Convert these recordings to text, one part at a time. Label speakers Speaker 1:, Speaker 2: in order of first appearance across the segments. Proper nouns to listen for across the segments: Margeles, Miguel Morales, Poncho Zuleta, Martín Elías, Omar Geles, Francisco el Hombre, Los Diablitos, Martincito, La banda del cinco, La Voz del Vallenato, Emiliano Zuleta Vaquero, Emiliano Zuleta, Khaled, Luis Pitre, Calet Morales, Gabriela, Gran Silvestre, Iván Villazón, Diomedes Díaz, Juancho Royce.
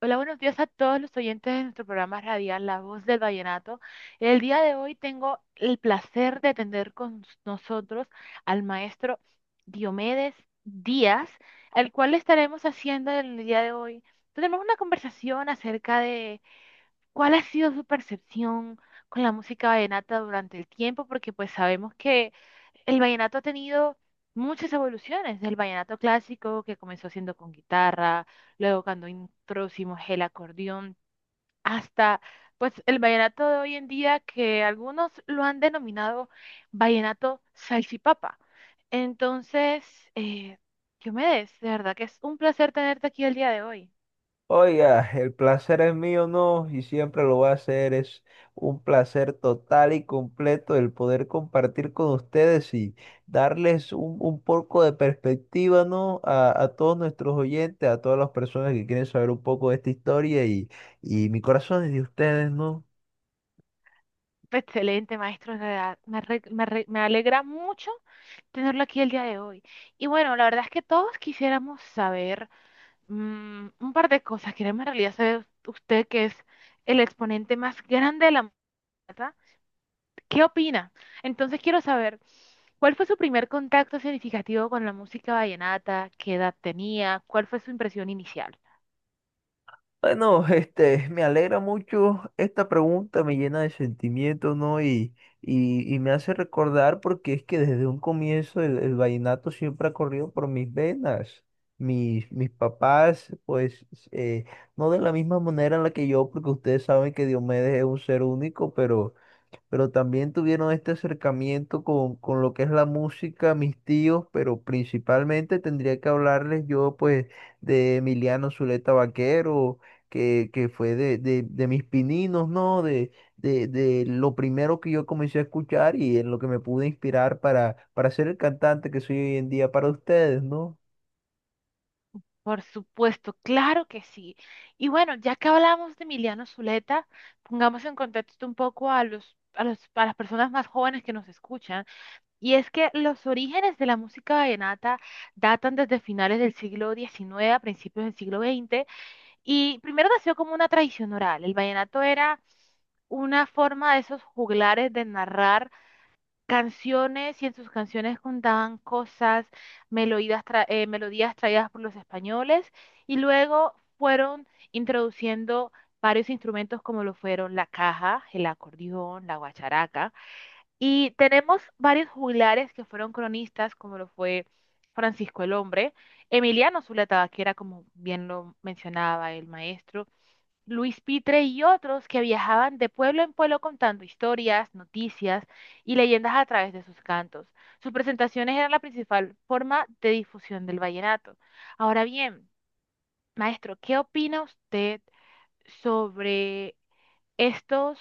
Speaker 1: Hola, buenos días a todos los oyentes de nuestro programa radial La Voz del Vallenato. El día de hoy tengo el placer de tener con nosotros al maestro Diomedes Díaz, al cual le estaremos haciendo el día de hoy. Tenemos una conversación acerca de cuál ha sido su percepción con la música vallenata durante el tiempo, porque pues sabemos que el vallenato ha tenido muchas evoluciones. El vallenato clásico, que comenzó siendo con guitarra, luego cuando introducimos el acordeón, hasta pues el vallenato de hoy en día, que algunos lo han denominado vallenato salchipapa. Entonces, eh, Diomedes, de verdad que es un placer tenerte aquí el día de hoy.
Speaker 2: Oiga, el placer es mío, no, y siempre lo va a hacer. Es un placer total y completo el poder compartir con ustedes y darles un poco de perspectiva, ¿no? A todos nuestros oyentes, a todas las personas que quieren saber un poco de esta historia y mi corazón es de ustedes, ¿no?
Speaker 1: Excelente, maestro, de verdad. Me alegra mucho tenerlo aquí el día de hoy. Y bueno, la verdad es que todos quisiéramos saber. Un par de cosas. Queremos en realidad saber, usted que es el exponente más grande de la música, ¿qué opina? Entonces quiero saber, ¿cuál fue su primer contacto significativo con la música vallenata? ¿Qué edad tenía? ¿Cuál fue su impresión inicial?
Speaker 2: Bueno, este, me alegra mucho esta pregunta, me llena de sentimiento, ¿no? Y me hace recordar porque es que desde un comienzo el vallenato siempre ha corrido por mis venas. Mis papás, pues, eh, no de la misma manera en la que yo, porque ustedes saben que Diomedes es un ser único, pero también tuvieron este acercamiento con lo que es la música, mis tíos, pero principalmente tendría que hablarles yo pues de Emiliano Zuleta Vaquero, que fue de mis pininos, ¿no? De lo primero que yo comencé a escuchar y en lo que me pude inspirar para ser el cantante que soy hoy en día para ustedes, ¿no?
Speaker 1: Por supuesto, claro que sí. Y bueno, ya que hablamos de Emiliano Zuleta, pongamos en contexto un poco a las personas más jóvenes que nos escuchan. Y es que los orígenes de la música vallenata datan desde finales del siglo XIX a principios del siglo XX, y primero nació como una tradición oral. El vallenato era una forma de esos juglares de narrar canciones, y en sus canciones contaban cosas, melodías, melodías traídas por los españoles, y luego fueron introduciendo varios instrumentos como lo fueron la caja, el acordeón, la guacharaca. Y tenemos varios juglares que fueron cronistas, como lo fue Francisco el Hombre, Emiliano Zuleta, que era como bien lo mencionaba el maestro, Luis Pitre y otros que viajaban de pueblo en pueblo contando historias, noticias y leyendas a través de sus cantos. Sus presentaciones eran la principal forma de difusión del vallenato. Ahora bien, maestro, ¿qué opina usted sobre estos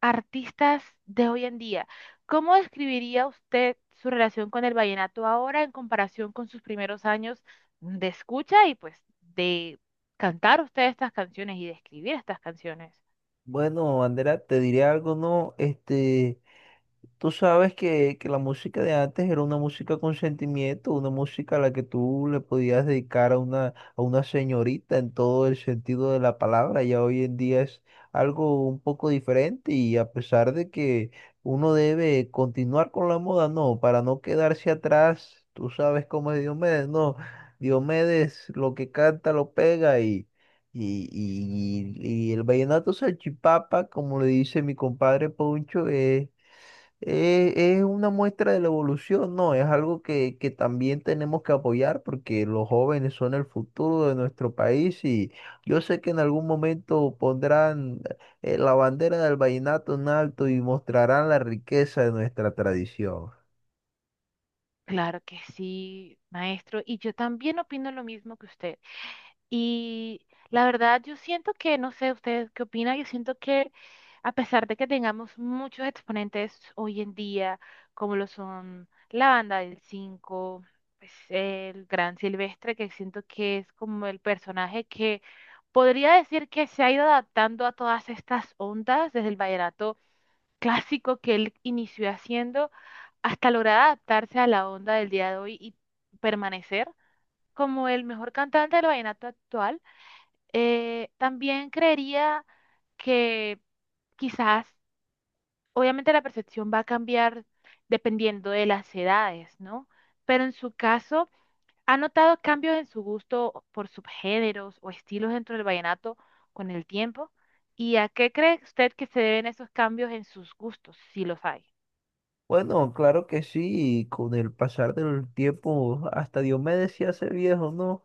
Speaker 1: artistas de hoy en día? ¿Cómo describiría usted su relación con el vallenato ahora en comparación con sus primeros años de escucha y pues de cantar usted estas canciones y de escribir estas canciones?
Speaker 2: Bueno, Andrea, te diré algo, ¿no? Este... Tú sabes que la música de antes era una música con sentimiento, una música a la que tú le podías dedicar a una señorita en todo el sentido de la palabra. Ya hoy en día es algo un poco diferente y a pesar de que uno debe continuar con la moda, no, para no quedarse atrás, tú sabes cómo es Diomedes, no, Diomedes lo que canta lo pega y... Y el vallenato salchipapa, como le dice mi compadre Poncho, es una muestra de la evolución, ¿no? Es algo que también tenemos que apoyar porque los jóvenes son el futuro de nuestro país y yo sé que en algún momento pondrán la bandera del vallenato en alto y mostrarán la riqueza de nuestra tradición.
Speaker 1: Claro que sí, maestro, y yo también opino lo mismo que usted. Y la verdad, yo siento que, no sé, ustedes qué opinan, yo siento que a pesar de que tengamos muchos exponentes hoy en día, como lo son la banda del cinco, pues, el Gran Silvestre, que siento que es como el personaje que podría decir que se ha ido adaptando a todas estas ondas, desde el vallenato clásico que él inició haciendo, hasta lograr adaptarse a la onda del día de hoy y permanecer como el mejor cantante del vallenato actual. También creería que quizás, obviamente la percepción va a cambiar dependiendo de las edades, ¿no? Pero en su caso, ¿ha notado cambios en su gusto por subgéneros o estilos dentro del vallenato con el tiempo? ¿Y a qué cree usted que se deben esos cambios en sus gustos, si los hay?
Speaker 2: Bueno, claro que sí, y con el pasar del tiempo hasta Diomedes se hace viejo, ¿no?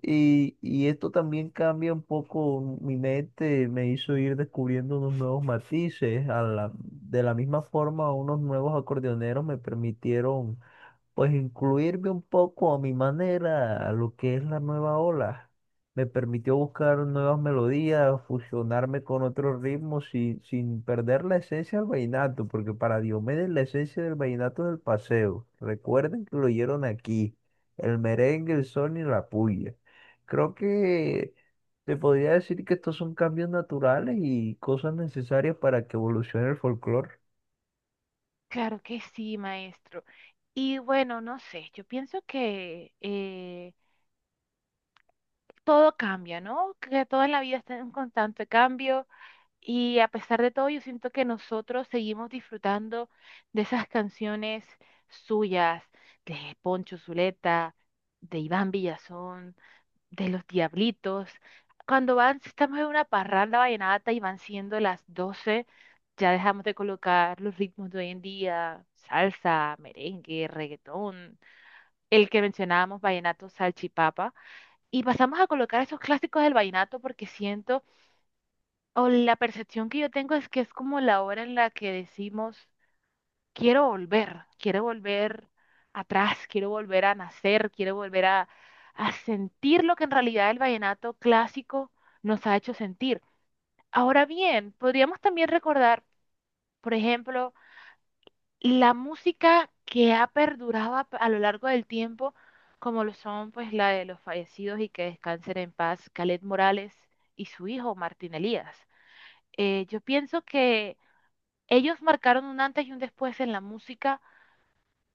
Speaker 2: Y esto también cambia un poco mi mente, me hizo ir descubriendo unos nuevos matices. De la misma forma, unos nuevos acordeoneros me permitieron pues incluirme un poco a mi manera a lo que es la nueva ola. Me permitió buscar nuevas melodías, fusionarme con otros ritmos sin perder la esencia del vallenato, porque para Diomedes la esencia del vallenato es el paseo. Recuerden que lo oyeron aquí, el merengue, el son y la puya. Creo que se podría decir que estos son cambios naturales y cosas necesarias para que evolucione el folclore.
Speaker 1: Claro que sí, maestro. Y bueno, no sé, yo pienso que todo cambia, ¿no? Que todo en la vida está en constante cambio. Y a pesar de todo, yo siento que nosotros seguimos disfrutando de esas canciones suyas, de Poncho Zuleta, de Iván Villazón, de Los Diablitos. Cuando van, si estamos en una parranda vallenata y van siendo las doce, ya dejamos de colocar los ritmos de hoy en día, salsa, merengue, reggaetón, el que mencionábamos, vallenato, salchipapa, y pasamos a colocar esos clásicos del vallenato, porque siento, o la percepción que yo tengo es que es como la hora en la que decimos, quiero volver atrás, quiero volver a nacer, quiero volver a sentir lo que en realidad el vallenato clásico nos ha hecho sentir. Ahora bien, podríamos también recordar, por ejemplo, la música que ha perdurado a lo largo del tiempo, como lo son pues la de los fallecidos y que descansen en paz, Calet Morales y su hijo Martín Elías. Yo pienso que ellos marcaron un antes y un después en la música,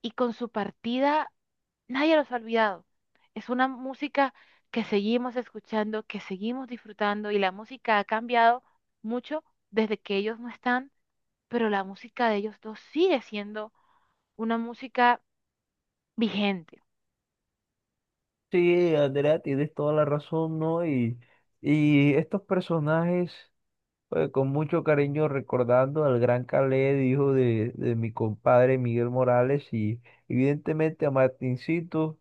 Speaker 1: y con su partida nadie los ha olvidado. Es una música que seguimos escuchando, que seguimos disfrutando, y la música ha cambiado mucho desde que ellos no están, pero la música de ellos dos sigue siendo una música vigente.
Speaker 2: Sí, Andrea, tienes toda la razón, ¿no? Y estos personajes, pues, con mucho cariño recordando al gran Khaled, hijo de mi compadre Miguel Morales, y evidentemente a Martincito,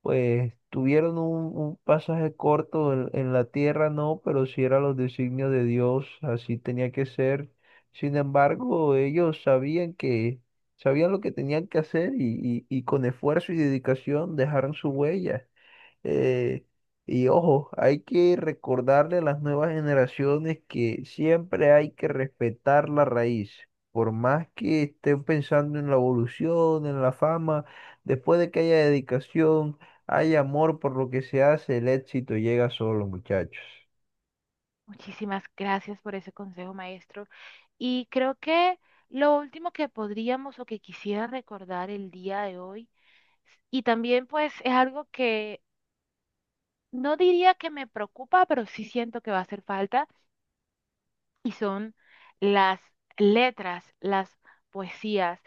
Speaker 2: pues tuvieron un pasaje corto en la tierra, ¿no? Pero si era los designios de Dios, así tenía que ser. Sin embargo, ellos sabían sabían lo que tenían que hacer y con esfuerzo y dedicación dejaron su huella. Eh, y ojo, hay que recordarle a las nuevas generaciones que siempre hay que respetar la raíz. Por más que estén pensando en la evolución, en la fama, después de que haya dedicación, hay amor por lo que se hace, el éxito llega solo, muchachos.
Speaker 1: Muchísimas gracias por ese consejo, maestro. Y creo que lo último que podríamos o que quisiera recordar el día de hoy, y también pues es algo que no diría que me preocupa, pero sí siento que va a hacer falta, y son las letras, las poesías,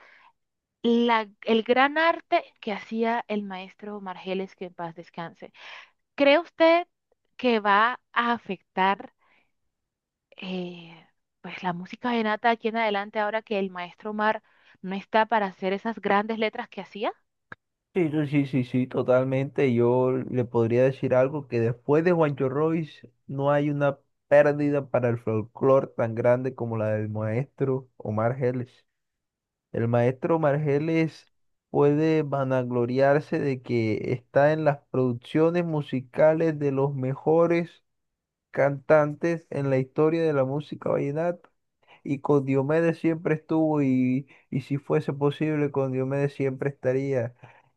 Speaker 1: el gran arte que hacía el maestro Margeles, que en paz descanse. ¿Cree usted que va a afectar, eh, pues la música venata aquí en adelante ahora que el maestro Mar no está para hacer esas grandes letras que hacía?
Speaker 2: Sí, sí, sí, sí, sí, totalmente. Yo le podría decir algo que después de Juancho Royce no hay una pérdida para el folclore tan grande como la del maestro Omar Geles. El maestro Margeles puede vanagloriarse de que está en las producciones musicales de los mejores cantantes en la historia de la música vallenata. Y con Diomedes siempre estuvo y si fuese posible, con Diomedes siempre estaría.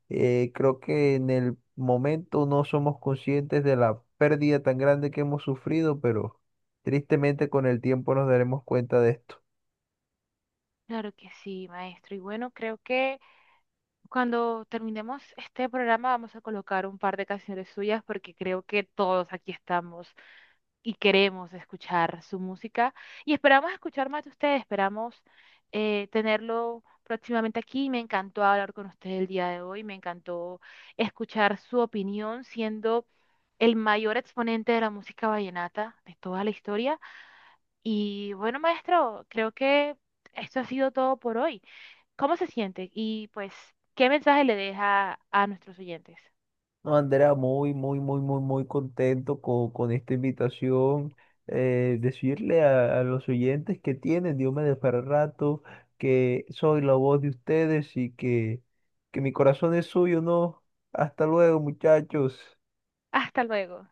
Speaker 2: Creo que en el momento no somos conscientes de la pérdida tan grande que hemos sufrido, pero tristemente con el tiempo nos daremos cuenta de esto.
Speaker 1: Claro que sí, maestro. Y bueno, creo que cuando terminemos este programa vamos a colocar un par de canciones suyas, porque creo que todos aquí estamos y queremos escuchar su música, y esperamos escuchar más de usted, esperamos tenerlo próximamente aquí. Me encantó hablar con usted el día de hoy, me encantó escuchar su opinión siendo el mayor exponente de la música vallenata de toda la historia. Y bueno, maestro, creo que esto ha sido todo por hoy. Cómo se sienten y pues qué mensaje le deja a nuestros oyentes.
Speaker 2: No, Andrea, muy, muy, muy, muy, muy contento con esta invitación. Decirle a los oyentes que tienen Diomedes para rato, que soy la voz de ustedes y que mi corazón es suyo, ¿no? Hasta luego, muchachos.
Speaker 1: Hasta luego.